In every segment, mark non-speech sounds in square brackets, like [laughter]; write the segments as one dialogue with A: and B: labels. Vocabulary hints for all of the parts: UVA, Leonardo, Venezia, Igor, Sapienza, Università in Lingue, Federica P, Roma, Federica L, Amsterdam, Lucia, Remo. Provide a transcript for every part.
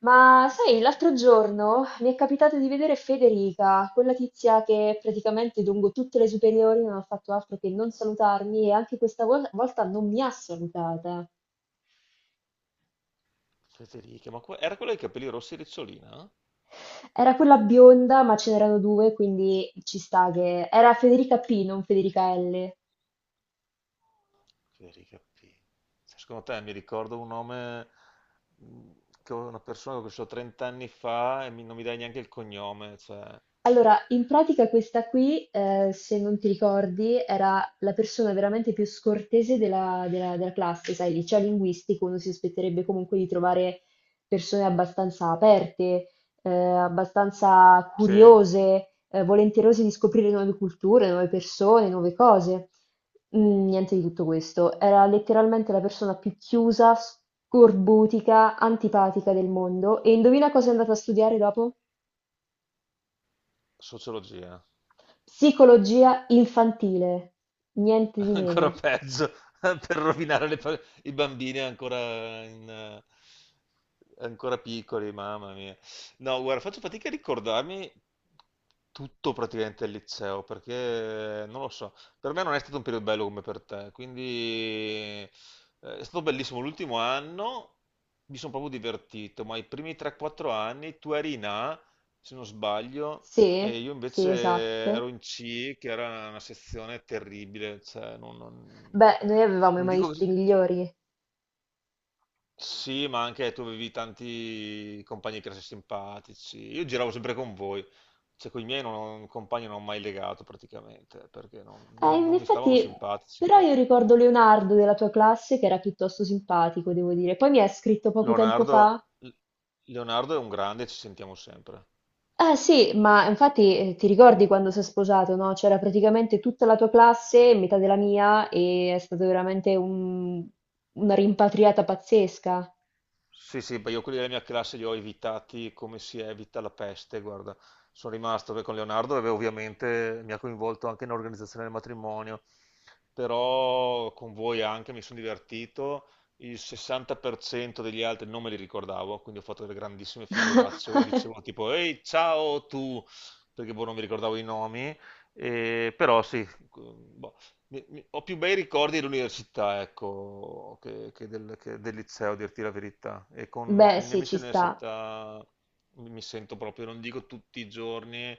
A: Ma sai, l'altro giorno mi è capitato di vedere Federica, quella tizia che praticamente lungo tutte le superiori non ha fatto altro che non salutarmi e anche questa volta non mi ha salutata.
B: Federica, ma era quella dei capelli rossi ricciolina?
A: Era quella bionda, ma ce n'erano due, quindi ci sta che. Era Federica P, non Federica L.
B: Federica P. Cioè, secondo te mi ricordo un nome mh, che una persona che ho conosciuto 30 anni fa e non mi dai neanche il cognome, cioè...
A: Allora, in pratica questa qui, se non ti ricordi, era la persona veramente più scortese della classe, sai, liceo linguistico, uno si aspetterebbe comunque di trovare persone abbastanza aperte, abbastanza
B: Sì?
A: curiose, volenterose di scoprire nuove culture, nuove persone, nuove cose. Niente di tutto questo. Era letteralmente la persona più chiusa, scorbutica, antipatica del mondo. E indovina cosa è andata a studiare dopo?
B: Sociologia.
A: Psicologia infantile, niente
B: [laughs]
A: di
B: Ancora
A: meno.
B: peggio, [laughs] per rovinare le i bambini ancora, ancora piccoli, mamma mia. No, guarda, faccio fatica a ricordarmi tutto praticamente il liceo, perché non lo so, per me non è stato un periodo bello come per te, quindi è stato bellissimo l'ultimo anno, mi sono proprio divertito, ma i primi 3-4 anni tu eri in A, se non sbaglio, e
A: Sì,
B: io
A: sì,
B: invece
A: esatto.
B: ero in C, che era una sezione terribile, cioè
A: Beh, noi avevamo i
B: non dico che...
A: maestri migliori.
B: Sì, ma anche tu avevi tanti compagni di classe simpatici. Io giravo sempre con voi, cioè con i miei non, compagni non ho mai legato praticamente, perché
A: In
B: non mi stavano
A: effetti,
B: simpatici
A: però io
B: proprio.
A: ricordo Leonardo della tua classe che era piuttosto simpatico, devo dire. Poi mi ha scritto poco tempo
B: Leonardo,
A: fa.
B: Leonardo è un grande, ci sentiamo sempre.
A: Eh sì, ma infatti ti ricordi quando si è sposato, no? C'era praticamente tutta la tua classe, metà della mia, e è stata veramente una rimpatriata pazzesca.
B: Sì, sì, beh, io quelli della mia classe li ho evitati come si evita la peste, guarda. Sono rimasto beh, con Leonardo, dove ovviamente mi ha coinvolto anche nell'organizzazione del matrimonio, però con voi anche mi sono divertito, il 60% degli altri non me li ricordavo, quindi ho fatto delle grandissime figuracce, o
A: [laughs]
B: dicevo tipo, ehi, ciao tu, perché boh, non mi ricordavo i nomi, però sì, boh, ho più bei ricordi dell'università, ecco, che del liceo, a dirti la verità. E con,
A: Beh,
B: con i miei
A: sì,
B: amici
A: ci sta.
B: dell'università mi sento proprio, non dico tutti i giorni,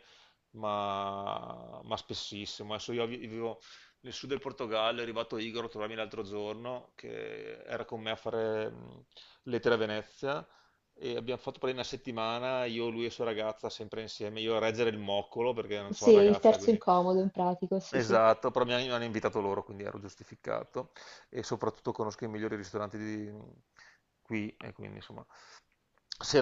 B: ma spessissimo. Adesso io vivo nel sud del Portogallo, è arrivato Igor a trovarmi l'altro giorno, che era con me a fare lettere a Venezia, e abbiamo fatto per una settimana, io, lui e sua ragazza, sempre insieme, io a reggere il moccolo, perché non
A: Sì,
B: c'ho
A: il
B: ragazza,
A: terzo
B: quindi...
A: incomodo in pratica, sì, sì.
B: Esatto, però mi hanno invitato loro, quindi ero giustificato e soprattutto conosco i migliori ristoranti di qui e quindi insomma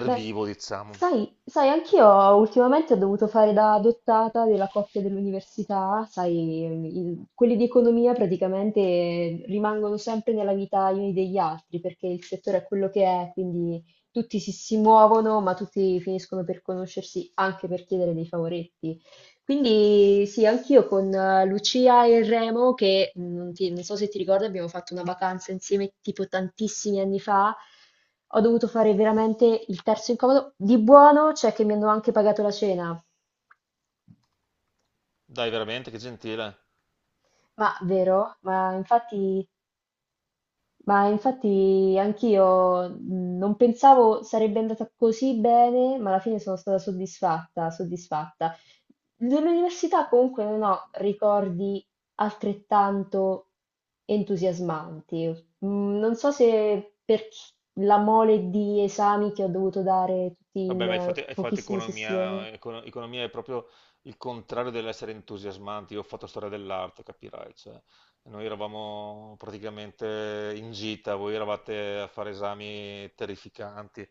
A: Beh,
B: diciamo.
A: sai, anch'io ultimamente ho dovuto fare da adottata della coppia dell'università, sai, quelli di economia praticamente rimangono sempre nella vita gli uni degli altri, perché il settore è quello che è, quindi tutti si muovono, ma tutti finiscono per conoscersi anche per chiedere dei favoretti. Quindi sì, anch'io con Lucia e Remo, che non so se ti ricordi, abbiamo fatto una vacanza insieme tipo tantissimi anni fa, ho dovuto fare veramente il terzo incomodo. Di buono c'è che mi hanno anche pagato la cena.
B: Dai, veramente, che gentile.
A: Ma vero? Ma infatti, anch'io non pensavo sarebbe andata così bene, ma alla fine sono stata soddisfatta, soddisfatta. Dell'università comunque non ho ricordi altrettanto entusiasmanti. Non so se la mole di esami che ho dovuto dare tutti
B: Vabbè,
A: in
B: ma hai fatto, hai fatto
A: pochissime sessioni.
B: economia, economia è proprio il contrario dell'essere entusiasmanti. Io ho fatto storia dell'arte, capirai. Cioè, noi eravamo praticamente in gita, voi eravate a fare esami terrificanti.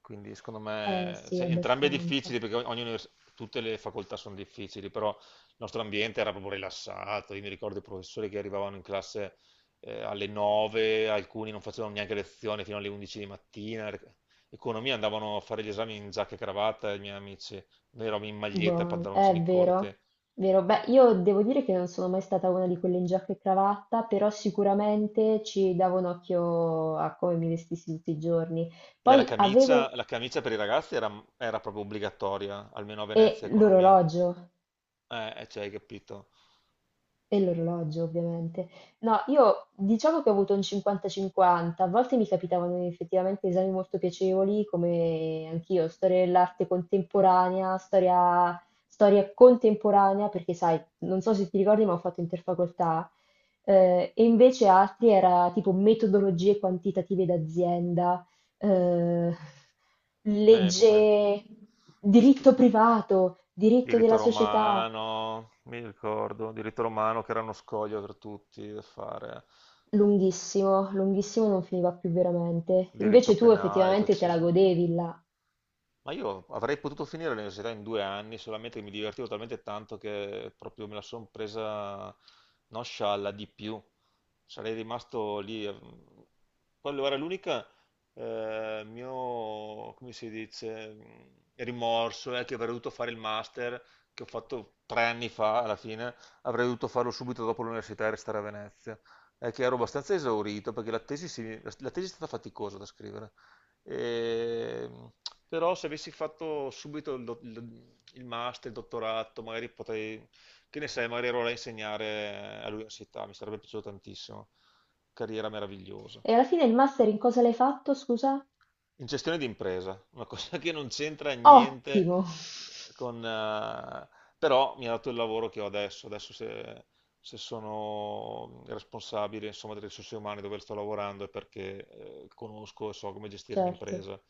B: Quindi, secondo
A: Eh
B: me,
A: sì,
B: cioè, entrambi è
A: abbastanza.
B: difficili perché tutte le facoltà sono difficili, però il nostro ambiente era proprio rilassato. Io mi ricordo i professori che arrivavano in classe alle 9, alcuni non facevano neanche lezione fino alle 11 di mattina. Economia andavano a fare gli esami in giacca e cravatta, i miei amici. Noi eravamo in maglietta e
A: Buono, è
B: pantaloncini corti.
A: vero, vero. Beh, io devo dire che non sono mai stata una di quelle in giacca e cravatta, però sicuramente ci davo un occhio a come mi vestissi tutti i giorni.
B: Beh, la
A: Poi
B: camicia,
A: avevo
B: la camicia per i ragazzi era proprio obbligatoria, almeno a
A: e
B: Venezia, economia.
A: l'orologio.
B: Cioè, hai capito?
A: E l'orologio ovviamente. No, io diciamo che ho avuto un 50-50, a volte mi capitavano effettivamente esami molto piacevoli, come anch'io, storia dell'arte contemporanea, storia contemporanea, perché sai, non so se ti ricordi, ma ho fatto interfacoltà, e invece altri era tipo metodologie quantitative d'azienda, eh,
B: Beh,
A: legge,
B: st-
A: diritto privato, diritto della
B: diritto
A: società.
B: romano, mi ricordo, diritto romano che era uno scoglio per tutti da fare,
A: Lunghissimo, lunghissimo non finiva più veramente.
B: diritto
A: Invece tu
B: penale, diritto
A: effettivamente te la
B: civile.
A: godevi là.
B: Ma io avrei potuto finire l'università in 2 anni, solamente che mi divertivo talmente tanto che proprio me la sono presa non scialla di più. Sarei rimasto lì. Quello era l'unica mio, come si dice, rimorso è che avrei dovuto fare il master che ho fatto 3 anni fa, alla fine, avrei dovuto farlo subito dopo l'università e restare a Venezia. È che ero abbastanza esaurito perché la tesi è stata faticosa da scrivere. Ehm, però se avessi fatto subito il master, il dottorato, magari potrei, che ne sai, magari ero là a insegnare all'università, mi sarebbe piaciuto tantissimo. Carriera meravigliosa
A: E alla fine il master in cosa l'hai fatto, scusa?
B: in gestione di impresa, una [laughs] cosa che non c'entra niente
A: Ottimo!
B: con... però mi ha dato il lavoro che ho adesso, adesso se sono responsabile insomma, delle risorse umane dove sto lavorando è perché conosco e so come
A: [laughs]
B: gestire
A: Certo.
B: un'impresa.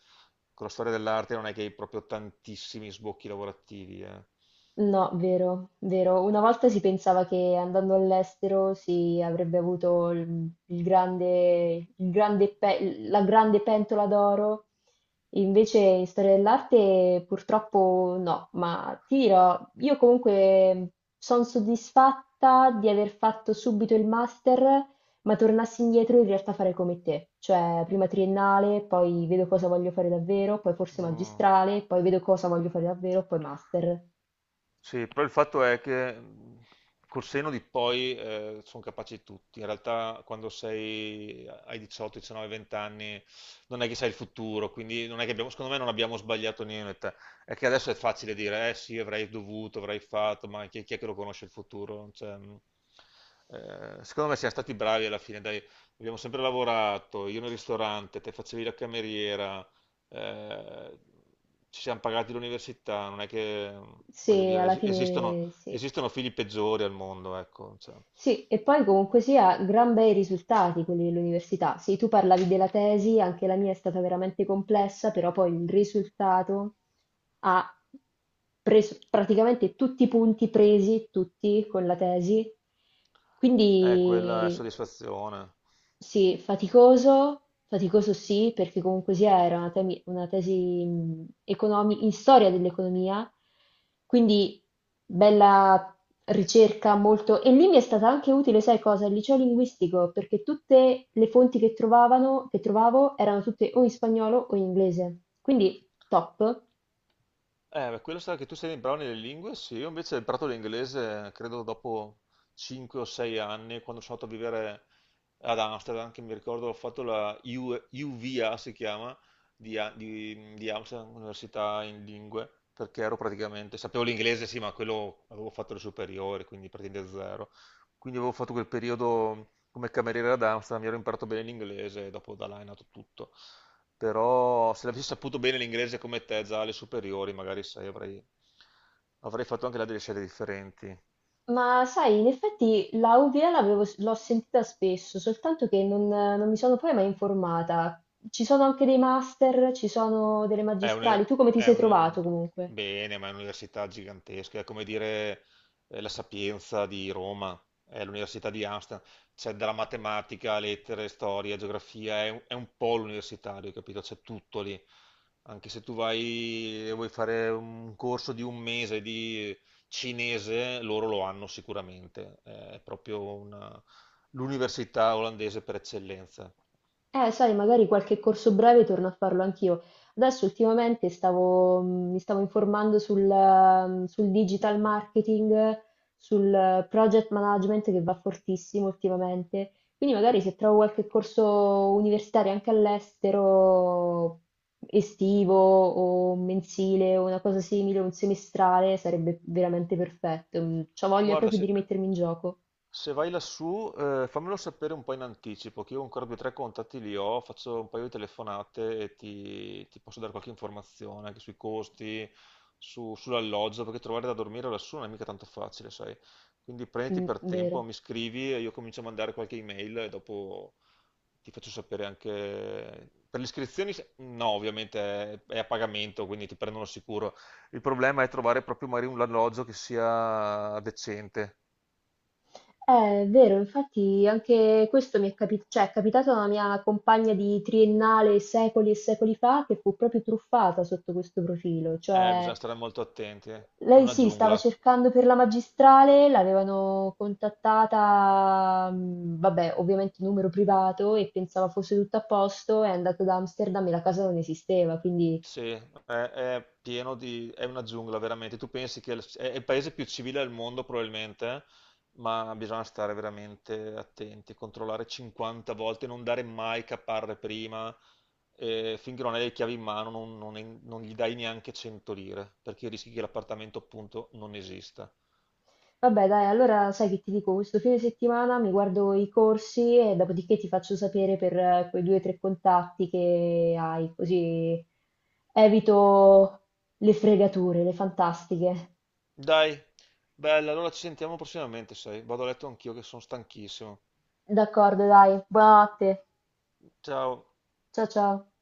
B: Con la storia dell'arte non è che hai proprio tantissimi sbocchi lavorativi, eh.
A: No, vero, vero. Una volta si pensava che andando all'estero si avrebbe avuto la grande pentola d'oro, invece in storia dell'arte purtroppo no, ma ti dirò, io comunque sono soddisfatta di aver fatto subito il master, ma tornassi indietro in realtà farei come te, cioè prima triennale, poi vedo cosa voglio fare davvero, poi forse
B: Mm.
A: magistrale, poi vedo cosa voglio fare davvero, poi master.
B: Sì, però il fatto è che col senno di poi sono capaci tutti. In realtà quando sei ai 18, 19, 20 anni non è che sai il futuro, quindi non è che abbiamo, secondo me non abbiamo sbagliato niente. È che adesso è facile dire, eh sì, avrei dovuto, avrei fatto, ma chi è che lo conosce il futuro? Cioè, secondo me siamo stati bravi alla fine, dai, abbiamo sempre lavorato, io nel ristorante, te facevi la cameriera. Eh, ci siamo pagati l'università, non è che, voglio
A: Sì,
B: dire,
A: alla fine sì.
B: esistono figli peggiori al mondo, ecco, cioè,
A: Sì, e poi comunque sia, gran bei risultati quelli dell'università. Sì, tu parlavi della tesi, anche la mia è stata veramente complessa, però poi il risultato ha preso praticamente tutti i punti presi, tutti con la tesi.
B: è quella
A: Quindi,
B: soddisfazione.
A: sì, faticoso, faticoso sì, perché comunque sia era una tesi in storia dell'economia, quindi bella ricerca molto. E lì mi è stata anche utile, sai cosa? Il liceo linguistico, perché tutte le fonti che trovavo erano tutte o in spagnolo o in inglese, quindi top.
B: Ma quello sarà che tu sei bravo nelle lingue, sì, io invece ho imparato l'inglese credo dopo 5 o 6 anni, quando sono andato a vivere ad Amsterdam, che mi ricordo ho fatto la UVA, si chiama, di Amsterdam, Università in Lingue, perché ero praticamente, sapevo l'inglese sì, ma quello avevo fatto le superiori, quindi praticamente zero. Quindi avevo fatto quel periodo come cameriere ad Amsterdam, mi ero imparato bene l'inglese e dopo da là è nato tutto, però se l'avessi saputo bene l'inglese come te già alle superiori, magari sai, avrei fatto anche là delle scelte differenti.
A: Ma sai, in effetti la UVA l'ho sentita spesso, soltanto che non mi sono poi mai informata. Ci sono anche dei master, ci sono delle
B: È un,
A: magistrali. Tu come ti
B: è
A: sei
B: un-
A: trovato comunque?
B: Bene, ma è un'università gigantesca, è come dire la Sapienza di Roma, è l'università di Amsterdam, c'è dalla matematica, lettere, storia, geografia, è un polo universitario, capito? C'è tutto lì. Anche se tu vai e vuoi fare un corso di un mese di cinese, loro lo hanno sicuramente, è proprio una- l'università olandese per eccellenza.
A: Sai, magari qualche corso breve torno a farlo anch'io. Adesso ultimamente mi stavo informando sul digital marketing, sul project management che va fortissimo ultimamente. Quindi magari se trovo qualche corso universitario anche all'estero, estivo o mensile o una cosa simile, un semestrale, sarebbe veramente perfetto. Ho voglia
B: Guarda,
A: proprio di
B: se,
A: rimettermi in gioco.
B: se vai lassù, fammelo sapere un po' in anticipo, che io ancora due o tre contatti li ho, faccio un paio di telefonate e ti posso dare qualche informazione anche sui costi, sull'alloggio, perché trovare da dormire lassù non è mica tanto facile, sai? Quindi prenditi
A: Mm,
B: per tempo,
A: vero.
B: mi scrivi e io comincio a mandare qualche email e dopo ti faccio sapere anche... Per le iscrizioni, no, ovviamente è a pagamento, quindi ti prendono sicuro. Il problema è trovare proprio magari un alloggio che sia decente.
A: È vero, infatti anche questo mi è cioè, è capitato a una mia compagna di triennale secoli e secoli fa che fu proprio truffata sotto questo profilo, cioè
B: Bisogna stare molto attenti, eh. È
A: lei
B: una
A: sì, stava
B: giungla.
A: cercando per la magistrale, l'avevano contattata, vabbè, ovviamente numero privato e pensava fosse tutto a posto, è andato da Amsterdam e la casa non esisteva, quindi.
B: Sì, è pieno di... è una giungla, veramente. Tu pensi che è è il paese più civile al mondo, probabilmente, eh? Ma bisogna stare veramente attenti, controllare 50 volte, non dare mai caparre prima. E finché non hai le chiavi in mano non gli dai neanche 100 lire, perché rischi che l'appartamento appunto non esista.
A: Vabbè, dai, allora sai che ti dico, questo fine settimana mi guardo i corsi e dopodiché ti faccio sapere per quei due o tre contatti che hai, così evito le fregature, le fantastiche.
B: Dai, bella, allora ci sentiamo prossimamente, sai. Vado a letto anch'io che sono stanchissimo.
A: D'accordo, dai, buonanotte.
B: Ciao.
A: Ciao ciao.